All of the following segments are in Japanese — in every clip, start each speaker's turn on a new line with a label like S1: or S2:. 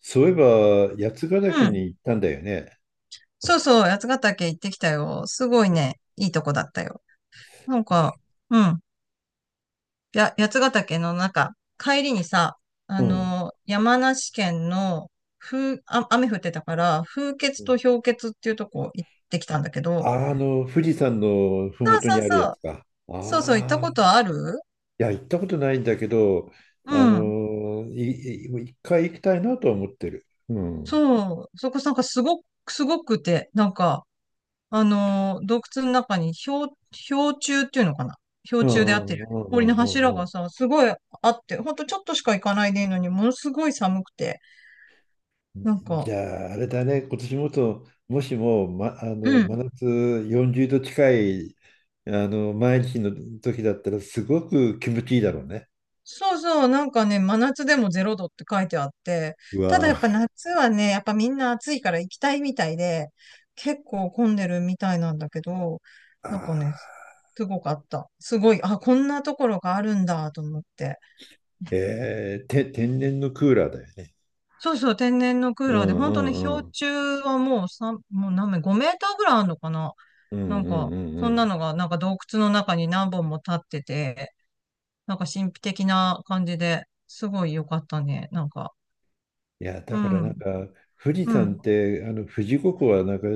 S1: そういえば、八ヶ
S2: う
S1: 岳
S2: ん。
S1: に行ったんだよね。
S2: そうそう、八ヶ岳行ってきたよ。すごいね、いいとこだったよ。なんか、うん。八ヶ岳の中、帰りにさ、
S1: うん。
S2: 山梨県の、雨降ってたから、風穴
S1: う
S2: と
S1: ん
S2: 氷穴っていうとこ行ってきたんだけど、
S1: 富士山のふ
S2: そ
S1: もとに
S2: う
S1: あ
S2: そ
S1: る
S2: う
S1: や
S2: そ
S1: つ
S2: う。
S1: か。
S2: そうそう、行った
S1: あ
S2: こと
S1: あ。
S2: ある。
S1: いや、行ったことないんだけど、
S2: う
S1: あ
S2: ん。
S1: の、い一回行きたいなとは思ってる。うん。うん
S2: そう。そこなんかすごく、すごくて、洞窟の中に氷柱っていうのかな。氷
S1: うんう
S2: 柱であってる。
S1: んう
S2: 氷
S1: ん
S2: の
S1: う
S2: 柱
S1: んう
S2: が
S1: ん。
S2: さ、すごいあって、ほんとちょっとしか行かないでいいのに、ものすごい寒くて、なん
S1: じ
S2: か、
S1: ゃあ、あれだね、今年もと、もしも、
S2: う
S1: 真
S2: ん。
S1: 夏40度近い、毎日の時だったら、すごく気持ちいいだろうね。
S2: そうそう、なんかね、真夏でもゼロ度って書いてあって、
S1: う
S2: ただや
S1: わ
S2: っぱ夏はね、やっぱみんな暑いから行きたいみたいで、結構混んでるみたいなんだけど、
S1: あ
S2: なんかね、
S1: あ。
S2: すごかった。すごい、あ、こんなところがあるんだと思って。
S1: 天然のクーラーだよね。
S2: そうそう、天然のクー
S1: う
S2: ラーで、
S1: んう
S2: 本当に
S1: んう
S2: 氷
S1: ん。
S2: 柱はもう3、もう何メ、5メーターぐらいあるのかな。
S1: うん
S2: な
S1: う
S2: ん
S1: ん
S2: か、
S1: うん
S2: そ
S1: う
S2: んな
S1: ん。
S2: のが、なんか洞窟の中に何本も立ってて、なんか神秘的な感じで、すごい良かったね。
S1: いや、
S2: う
S1: だからなん
S2: ん、
S1: か、富士
S2: う
S1: 山
S2: ん。
S1: って、富士五湖はなんか、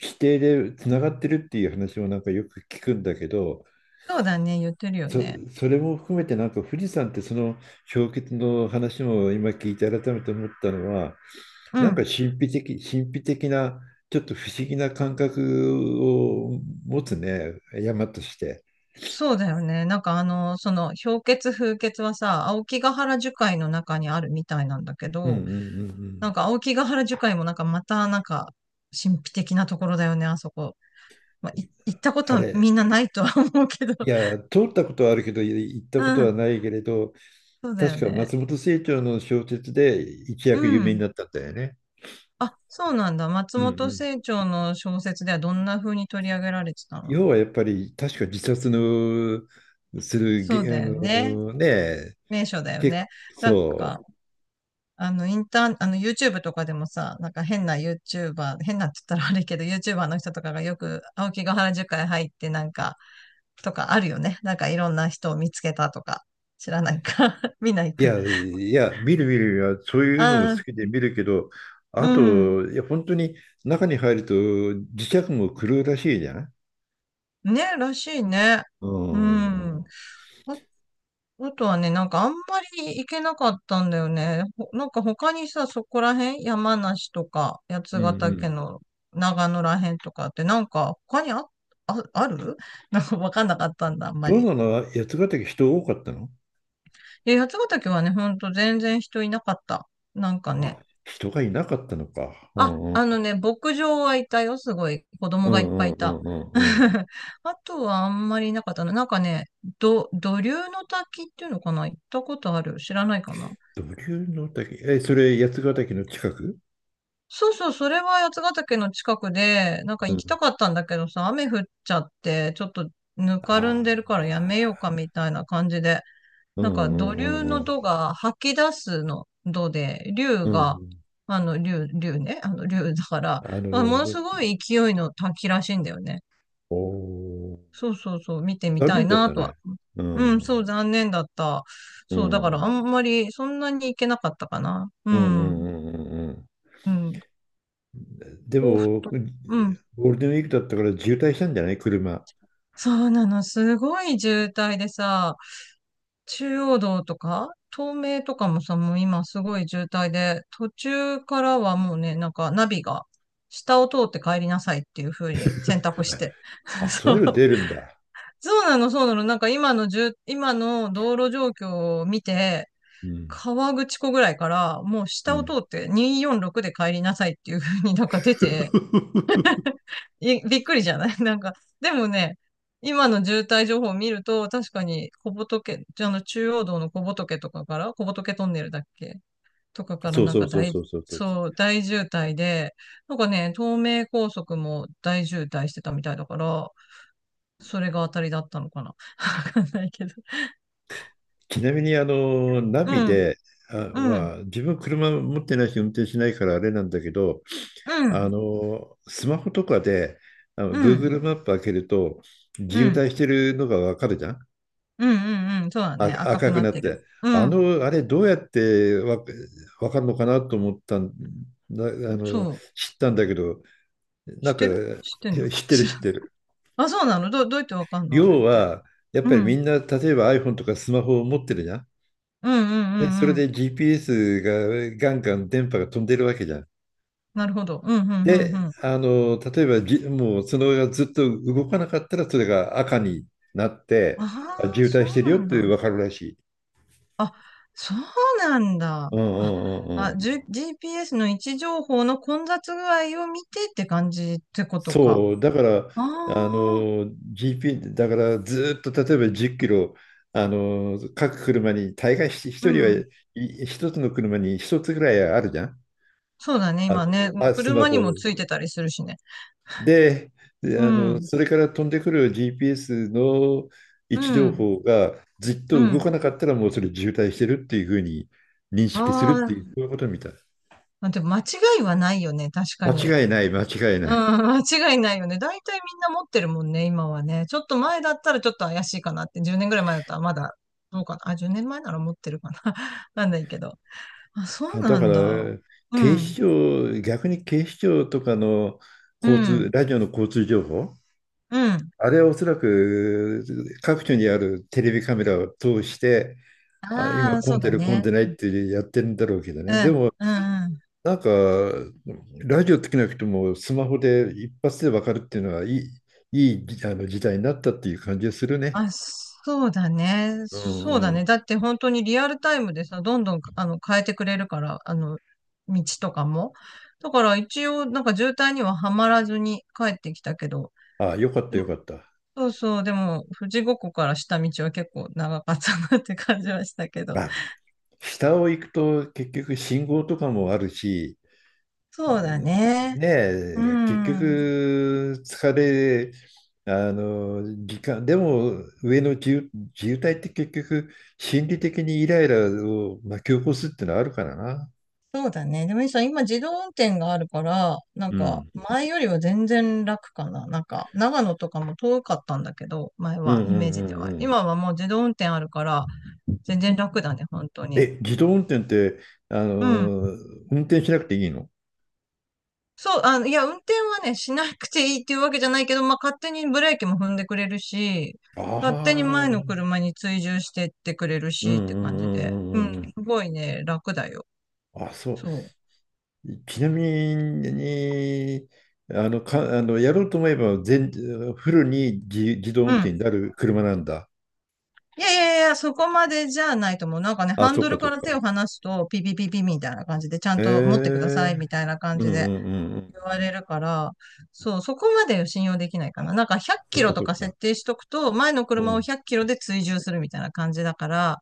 S1: 規定でつながってるっていう話もなんかよく聞くんだけど、
S2: そうだね、言ってるよ
S1: そ、
S2: ね。
S1: それも含めてなんか富士山ってその氷結の話も今聞いて改めて思ったのは、
S2: う
S1: なんか
S2: ん、
S1: 神秘的な、ちょっと不思議な感覚を持つね、山として。
S2: そうだよね。氷結風結はさ、青木ヶ原樹海の中にあるみたいなんだけ
S1: うんうんう
S2: ど、
S1: んう
S2: な
S1: ん。
S2: んか青木ヶ原樹海もなんかまた、神秘的なところだよね、あそこ。まあ、い行ったこと
S1: あ
S2: はみ
S1: れ、
S2: んなないとは 思うけど。
S1: いや、通ったことはあるけど、行ったこと
S2: う
S1: は
S2: ん、
S1: ないけれど、
S2: そうだよ
S1: 確か
S2: ね。
S1: 松本清張の小説で一
S2: う
S1: 躍有名に
S2: ん。
S1: なったんだよね。
S2: あ、そうなんだ。松
S1: うんう
S2: 本
S1: ん。
S2: 清張の小説ではどんな風に取り上げられてたの？
S1: 要はやっぱり、確か自殺の
S2: そう
S1: げあ
S2: だよね。
S1: のね、
S2: 名所だよ
S1: 結
S2: ね。なん
S1: そう。
S2: か、あの、インターン、あの、YouTube とかでもさ、なんか変な YouTuber、変なって言ったら悪いけど、YouTuber の人とかがよく、青木ヶ原樹海入ってとかあるよね。なんかいろんな人を見つけたとか、知らないか。見ない
S1: い
S2: か。
S1: や、いや、見る見るよ、そういうのも
S2: あ
S1: 好
S2: あ、
S1: きで見るけど、あ
S2: うん。
S1: と、いや、本当に中に入ると磁石も狂うらしいじゃん。
S2: ね、らしいね。
S1: う
S2: う
S1: んうん
S2: ん。ん。あ、あとはね、なんかあんまり行けなかったんだよね。なんか他にさ、そこら辺、山梨とか、八
S1: う
S2: ヶ岳
S1: ん。
S2: の長野ら辺とかって、なんか他にある なんかわかんなかったんだ、あんま
S1: どん
S2: り。
S1: なの、八ヶ岳、人多かったの？
S2: で、八ヶ岳はね、ほんと全然人いなかった。なんか ね、
S1: あ、人がいなかったのか。う
S2: あ、
S1: んうん。
S2: あのね、牧場はいたよ、すごい。子
S1: う
S2: 供がいっぱ
S1: んうん
S2: いい
S1: うん
S2: た。
S1: うんうん。
S2: あとはあんまりいなかったな。なんかね、土竜の滝っていうのかな。行ったことある？知らないかな。
S1: 土竜の滝。え、それ、八ヶ岳の近く？
S2: そうそう、それは八ヶ岳の近くで、なんか
S1: う
S2: 行きた
S1: ん
S2: かったんだけどさ、雨降っちゃって、ちょっとぬかるん
S1: あ
S2: でるからやめ
S1: あ
S2: ようかみたいな感じで、
S1: う
S2: なんか
S1: んう
S2: 土
S1: ん
S2: 竜
S1: う
S2: の
S1: ん
S2: 土が吐き出すの土で、竜
S1: うんう
S2: が、
S1: ん
S2: あの、竜、竜ね、あの、竜だから、
S1: あ
S2: も
S1: の、
S2: の
S1: だ
S2: すごい勢いの滝らしいんだよね。
S1: おー、
S2: そうそう、見てみ
S1: 残
S2: た
S1: 念
S2: い
S1: だっ
S2: な
S1: た
S2: と
S1: ね。
S2: は。
S1: う
S2: うん、そ
S1: ん
S2: う、残念だった。
S1: う
S2: そう、だからあ
S1: ん
S2: んまりそんなに行けなかったかな。う
S1: うんうん
S2: ん、
S1: うんうんうん、
S2: うん、
S1: で
S2: 甲府
S1: も、
S2: と。うん、
S1: ゴールデンウィークだったから渋滞したんじゃない、車？
S2: そうなの、すごい渋滞でさ、中央道とか、東名とかもさ、もう今すごい渋滞で、途中からはもうね、なんかナビが、下を通って帰りなさいっていう風に選択して。
S1: あ、そう
S2: そ
S1: い
S2: う、
S1: うの出るんだ。
S2: そうなの、そうなの。なんか今の道路状況を見て、
S1: うん
S2: 川口湖ぐらいから、もう
S1: う
S2: 下を通
S1: ん
S2: って246で帰りなさいっていう風に なんか出て、いびっくりじゃない？ なんか、でもね、今の渋滞情報を見ると、確かに小仏、あの中央道の小仏とかから、小仏トンネルだっけ、とかから
S1: そう
S2: なん
S1: そ
S2: か
S1: うそう
S2: 大、
S1: そうそうそう。
S2: そう、大渋滞で、なんかね、東名高速も大渋滞してたみたいだから、それが当たりだったのかな。わかんないけど。
S1: ちなみに、ナ
S2: う
S1: ビ
S2: ん、
S1: で、
S2: うん、
S1: 自分車持ってないし、運転しないからあれなんだけど、
S2: うん、
S1: スマホとかで、
S2: うん、
S1: Google マップ開けると、
S2: う
S1: 渋
S2: ん。
S1: 滞してるのがわかるじゃん？
S2: うんうそうだ
S1: あ、
S2: ね。赤く
S1: 赤く
S2: なっ
S1: なっ
S2: てる。
S1: て。
S2: うん。
S1: あれ、どうやってわかるのかなと思ったんだ、
S2: そ
S1: の、
S2: う。
S1: 知ったんだけど、
S2: 知
S1: な
S2: っ
S1: んか、
S2: てる？知ってんの？
S1: 知ってる、
S2: 知らん。
S1: 知ってる。
S2: あ、そうなの？ど、どうやってわかんのあれ
S1: 要
S2: って。
S1: は、やっ
S2: うん。
S1: ぱ
S2: う
S1: りみ
S2: ん
S1: んな、例えば iPhone とかスマホを持ってるじゃん？
S2: うんう
S1: で、そ
S2: ん
S1: れ
S2: うん。
S1: で GPS がガンガン電波が飛んでるわけじゃん。
S2: なるほど。うんうんうんう
S1: で、
S2: ん。
S1: 例えばもうその上がずっと動かなかったら、それが赤になっ
S2: あ
S1: て、あ、
S2: あ、
S1: 渋
S2: そ
S1: 滞してる
S2: う
S1: よ
S2: な
S1: っ
S2: ん
S1: て
S2: だ。
S1: 分かるらしい。
S2: あ、そうなんだ。
S1: うんう
S2: あ、
S1: んうんう
S2: あ、
S1: ん。
S2: じゅ GPS の位置情報の混雑具合を見てって感じってことか。
S1: そう、だから、
S2: ああ、
S1: GP、だからずっと例えば10キロ、各車に、大概
S2: う
S1: 一人は、
S2: ん。
S1: 一つの車に一つぐらいあるじゃん。
S2: そうだね。
S1: あの、
S2: 今ね。もう
S1: あ、スマ
S2: 車に
S1: ホ。
S2: もついてたりするしね。
S1: で、で、
S2: うん。
S1: それから飛んでくる GPS の位
S2: う
S1: 置情
S2: ん。
S1: 報がずっ
S2: う
S1: と動か
S2: ん。
S1: なかったらもうそれ渋滞してるっていうふうに認識す
S2: あ
S1: るっていう、
S2: あ、
S1: そういうことみたい。
S2: あ、でも間違いはないよね、確かに。
S1: 間違いない、間違い
S2: うん、
S1: ない。
S2: 間違いないよね。大体みんな持ってるもんね、今はね。ちょっと前だったらちょっと怪しいかなって、10年ぐらい前だったらまだ、どうかな。あ、10年前なら持ってるかな。なんないけど。あ、そう
S1: あ、だ
S2: な
S1: か
S2: ん
S1: ら、
S2: だ。う
S1: 警
S2: ん、
S1: 視庁、逆に警視庁とかの
S2: う
S1: 交
S2: ん、
S1: 通、ラジオの交通情報、
S2: うん。
S1: あれはおそらく各所にあるテレビカメラを通して、あ、
S2: あ
S1: 今
S2: あ、そ
S1: 混ん
S2: う
S1: で
S2: だ
S1: る混ん
S2: ね。
S1: でないってやってるんだろうけど
S2: う
S1: ね。で
S2: ん、
S1: も、
S2: うん、うん。
S1: なんか、ラジオつけなくてもスマホで一発でわかるっていうのはいい時代になったっていう感じがするね。
S2: あ、そうだね。
S1: うんう
S2: そうだね。
S1: ん。
S2: だって本当にリアルタイムでさ、どんどんあの変えてくれるから、あの、道とかも。だから一応、なんか渋滞にははまらずに帰ってきたけど、
S1: ああ、よかっ
S2: で
S1: た、
S2: も、
S1: よかった。
S2: そうそう、でも、富士五湖から下道は結構長かったなって感じはしたけど。
S1: まあ、下を行くと結局信号とかもあるし、う
S2: そうだ
S1: ん
S2: ね。
S1: ね
S2: う
S1: え、結
S2: ん。
S1: 局疲れ、時間、でも上の自由体って結局心理的にイライラを巻き起こすっていうのはあるからな。
S2: そうだね。でもいいさ、今自動運転があるから、なん
S1: う
S2: か
S1: ん。
S2: 前よりは全然楽かな。なんか長野とかも遠かったんだけど、前
S1: うんう
S2: はイメー
S1: んう
S2: ジで
S1: ん
S2: は。
S1: うん。
S2: 今はもう自動運転あるから、全然楽だね、本当に。
S1: え、自動運転って、
S2: うん。
S1: 運転しなくていいの？
S2: いや、運転はね、しなくていいっていうわけじゃないけど、まあ、勝手にブレーキも踏んでくれるし、
S1: あ
S2: 勝手に
S1: あ
S2: 前の
S1: ー、
S2: 車に追従してってくれる
S1: うん
S2: しって
S1: うん
S2: 感
S1: うん
S2: じで。
S1: う
S2: うん、
S1: ん
S2: す
S1: うんうん。
S2: ごいね、楽だよ。
S1: あ、そう。
S2: そ
S1: ちなみに、あの、か、あの、やろうと思えばフルに自動運
S2: う。う
S1: 転に
S2: ん。
S1: なる車なんだ？
S2: いやいやいや、そこまでじゃないと思う。なんかね、
S1: あ、
S2: ハン
S1: そっ
S2: ド
S1: か
S2: ル
S1: そ
S2: か
S1: っ
S2: ら手
S1: か。
S2: を離すと、ピピピピみたいな感じで、ちゃん
S1: え
S2: と持ってくださいみ
S1: え、
S2: たいな感
S1: うん
S2: じ
S1: う
S2: で
S1: んうんう
S2: 言
S1: ん。
S2: われるから、そう、そこまで信用できないかな。なんか100
S1: そ
S2: キ
S1: っ
S2: ロ
S1: か
S2: と
S1: そっ
S2: か
S1: か。
S2: 設定しとくと、前の
S1: う
S2: 車を
S1: ん。
S2: 100キロで追従するみたいな感じだから、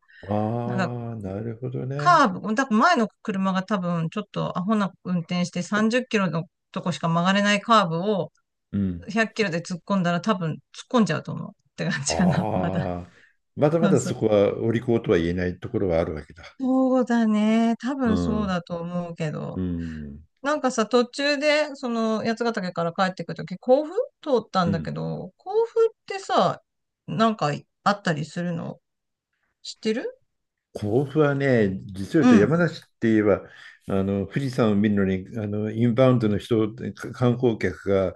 S2: なんか
S1: ああ、なるほどね。
S2: カーブ、だから前の車が多分ちょっとアホな運転して30キロのとこしか曲がれないカーブを
S1: うん。
S2: 100キロで突っ込んだら多分突っ込んじゃうと思うって感じかな、まだ。
S1: ああ、まだま
S2: そう
S1: だ
S2: そ
S1: そこ
S2: う。
S1: はお利口とは言えないところはあるわけだ。
S2: そうだね。多
S1: う
S2: 分そう
S1: ん。
S2: だと思うけ
S1: う
S2: ど。
S1: ん。
S2: なんかさ、途中で、その、八ヶ岳から帰ってくるとき、甲府通った
S1: う
S2: んだけ
S1: ん。
S2: ど、甲府ってさ、なんかあったりするの？知ってる？
S1: 甲府はね、実を言う
S2: う
S1: と山
S2: ん、
S1: 梨って言えば、あの富士山を見るのにあのインバウンドの人、観光客が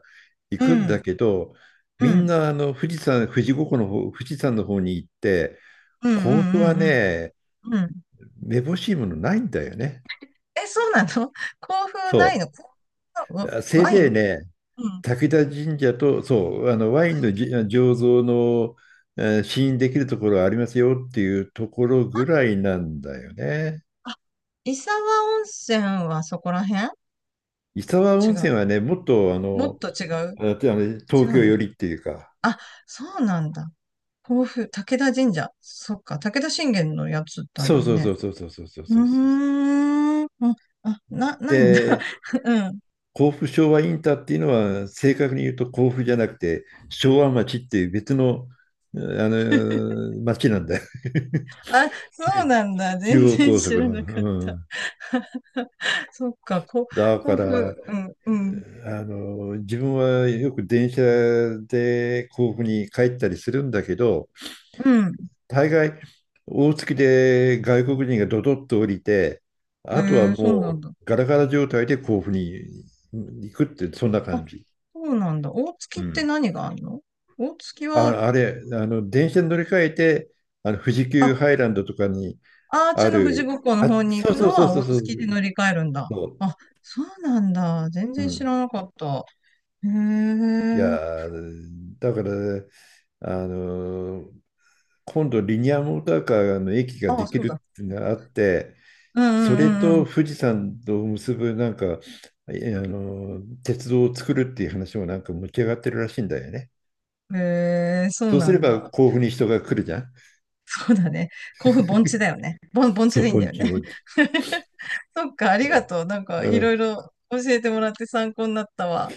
S1: 行
S2: う
S1: く
S2: ん、
S1: ん
S2: う
S1: だ
S2: ん、
S1: けど、み
S2: う
S1: ん
S2: ん、
S1: なあの富士山、富士五湖の方、富士山の方に行って、
S2: うん、う
S1: 甲府は
S2: ん、
S1: ね、
S2: うん。うん。
S1: めぼしいものないんだよね。
S2: え、そうなの？ 甲府な
S1: そ
S2: いの？甲府の
S1: う。せ
S2: ワ
S1: い
S2: ワイ
S1: ぜい
S2: ン
S1: ね、
S2: うん。
S1: 滝田神社と、そう、あのワインの醸造の、試飲できるところありますよっていうところ
S2: あ、
S1: ぐらいなんだよね。
S2: 伊沢温泉はそこら辺？
S1: 伊沢
S2: 違
S1: 温泉
S2: う？
S1: はね、もっと
S2: もっと違う？
S1: あと
S2: 違
S1: 東
S2: う
S1: 京
S2: んだ。
S1: 寄りっていうか、
S2: あ、そうなんだ。甲府、武田神社。そっか、武田信玄のやつだ
S1: そ
S2: よ
S1: うそうそ
S2: ね。
S1: うそうそうそうそう
S2: う
S1: そう。
S2: ーん。ないんだ。
S1: で、
S2: うん。
S1: 甲府昭和インターっていうのは、正確に言うと甲府じゃなくて、昭和町っていう別の、あ町なんだよ。
S2: あ、そうなんだ。
S1: 中
S2: 全
S1: 央
S2: 然
S1: 高速
S2: 知ら
S1: の。
S2: なかっ
S1: う
S2: た。
S1: ん、
S2: そっか、
S1: だか
S2: 甲府、
S1: ら、
S2: うん、うん、
S1: 自分はよく電車で甲府に帰ったりするんだけど、
S2: うん。
S1: 大概、大月で外国人がドドッと降りて、あとは
S2: えー、そうな
S1: も
S2: んだ。
S1: うガラガラ状態で甲府に行くって、そんな
S2: あ、
S1: 感じ。
S2: そうなんだ。大
S1: う
S2: 月って
S1: ん。
S2: 何があるの？大月は、
S1: あ、あれ、あの、電車に乗り換えて、富士急
S2: あ、
S1: ハイランドとかに
S2: アー
S1: あ
S2: チの富士
S1: る、
S2: 五湖の
S1: あ、
S2: 方に行
S1: そう
S2: く
S1: そ
S2: の
S1: うそう
S2: は
S1: そう
S2: 大
S1: そ
S2: 月で
S1: う、
S2: 乗り換えるんだ。
S1: そう。
S2: あ、そうなんだ。全
S1: う
S2: 然知
S1: ん。
S2: らなかった。へ
S1: い
S2: え。
S1: やー、だから、あのー今度リニアモーターカーの駅が
S2: あ、
S1: でき
S2: そう
S1: る
S2: だ。
S1: っていうのがあって、
S2: うん
S1: そ
S2: う
S1: れ
S2: んう
S1: と
S2: ん
S1: 富士山と結ぶなんか、えあの、鉄道を作るっていう話もなんか持ち上がってるらしいんだよね。
S2: うん。へえ、そう
S1: そうす
S2: な
S1: れ
S2: ん
S1: ば
S2: だ。
S1: 甲府に人が来るじゃん。
S2: そうだね。甲府盆地だよね。盆地
S1: そう、
S2: でいいん
S1: ポ
S2: だ
S1: ン
S2: よ
S1: チ
S2: ね。
S1: ポンチ。
S2: そっか、ありがとう。なんか、
S1: う
S2: いろ
S1: ん。
S2: いろ教えてもらって参考になったわ。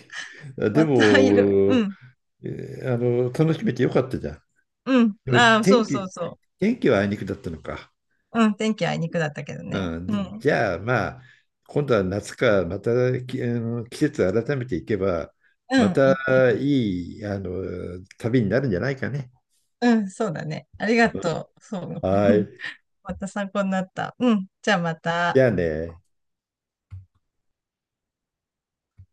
S1: で
S2: また、いろ、う
S1: も、
S2: ん、
S1: えあの、楽しめてよかったじゃん。
S2: うん。
S1: でも
S2: ああ、そうそうそ
S1: 天気はあいにくだったのか。
S2: う。うん、天気あいにくだったけどね。
S1: うん。
S2: う
S1: で
S2: ん、
S1: じゃあ、まあ、今度は夏か、またき、あの、季節改めていけば、
S2: うん、
S1: ま
S2: 行
S1: た
S2: ってみ。
S1: いい旅になるんじゃないかね。
S2: うん、そうだね。ありがとう。そう。
S1: は い。
S2: また参考になった。うん、じゃあま
S1: じ
S2: た。
S1: ゃあね。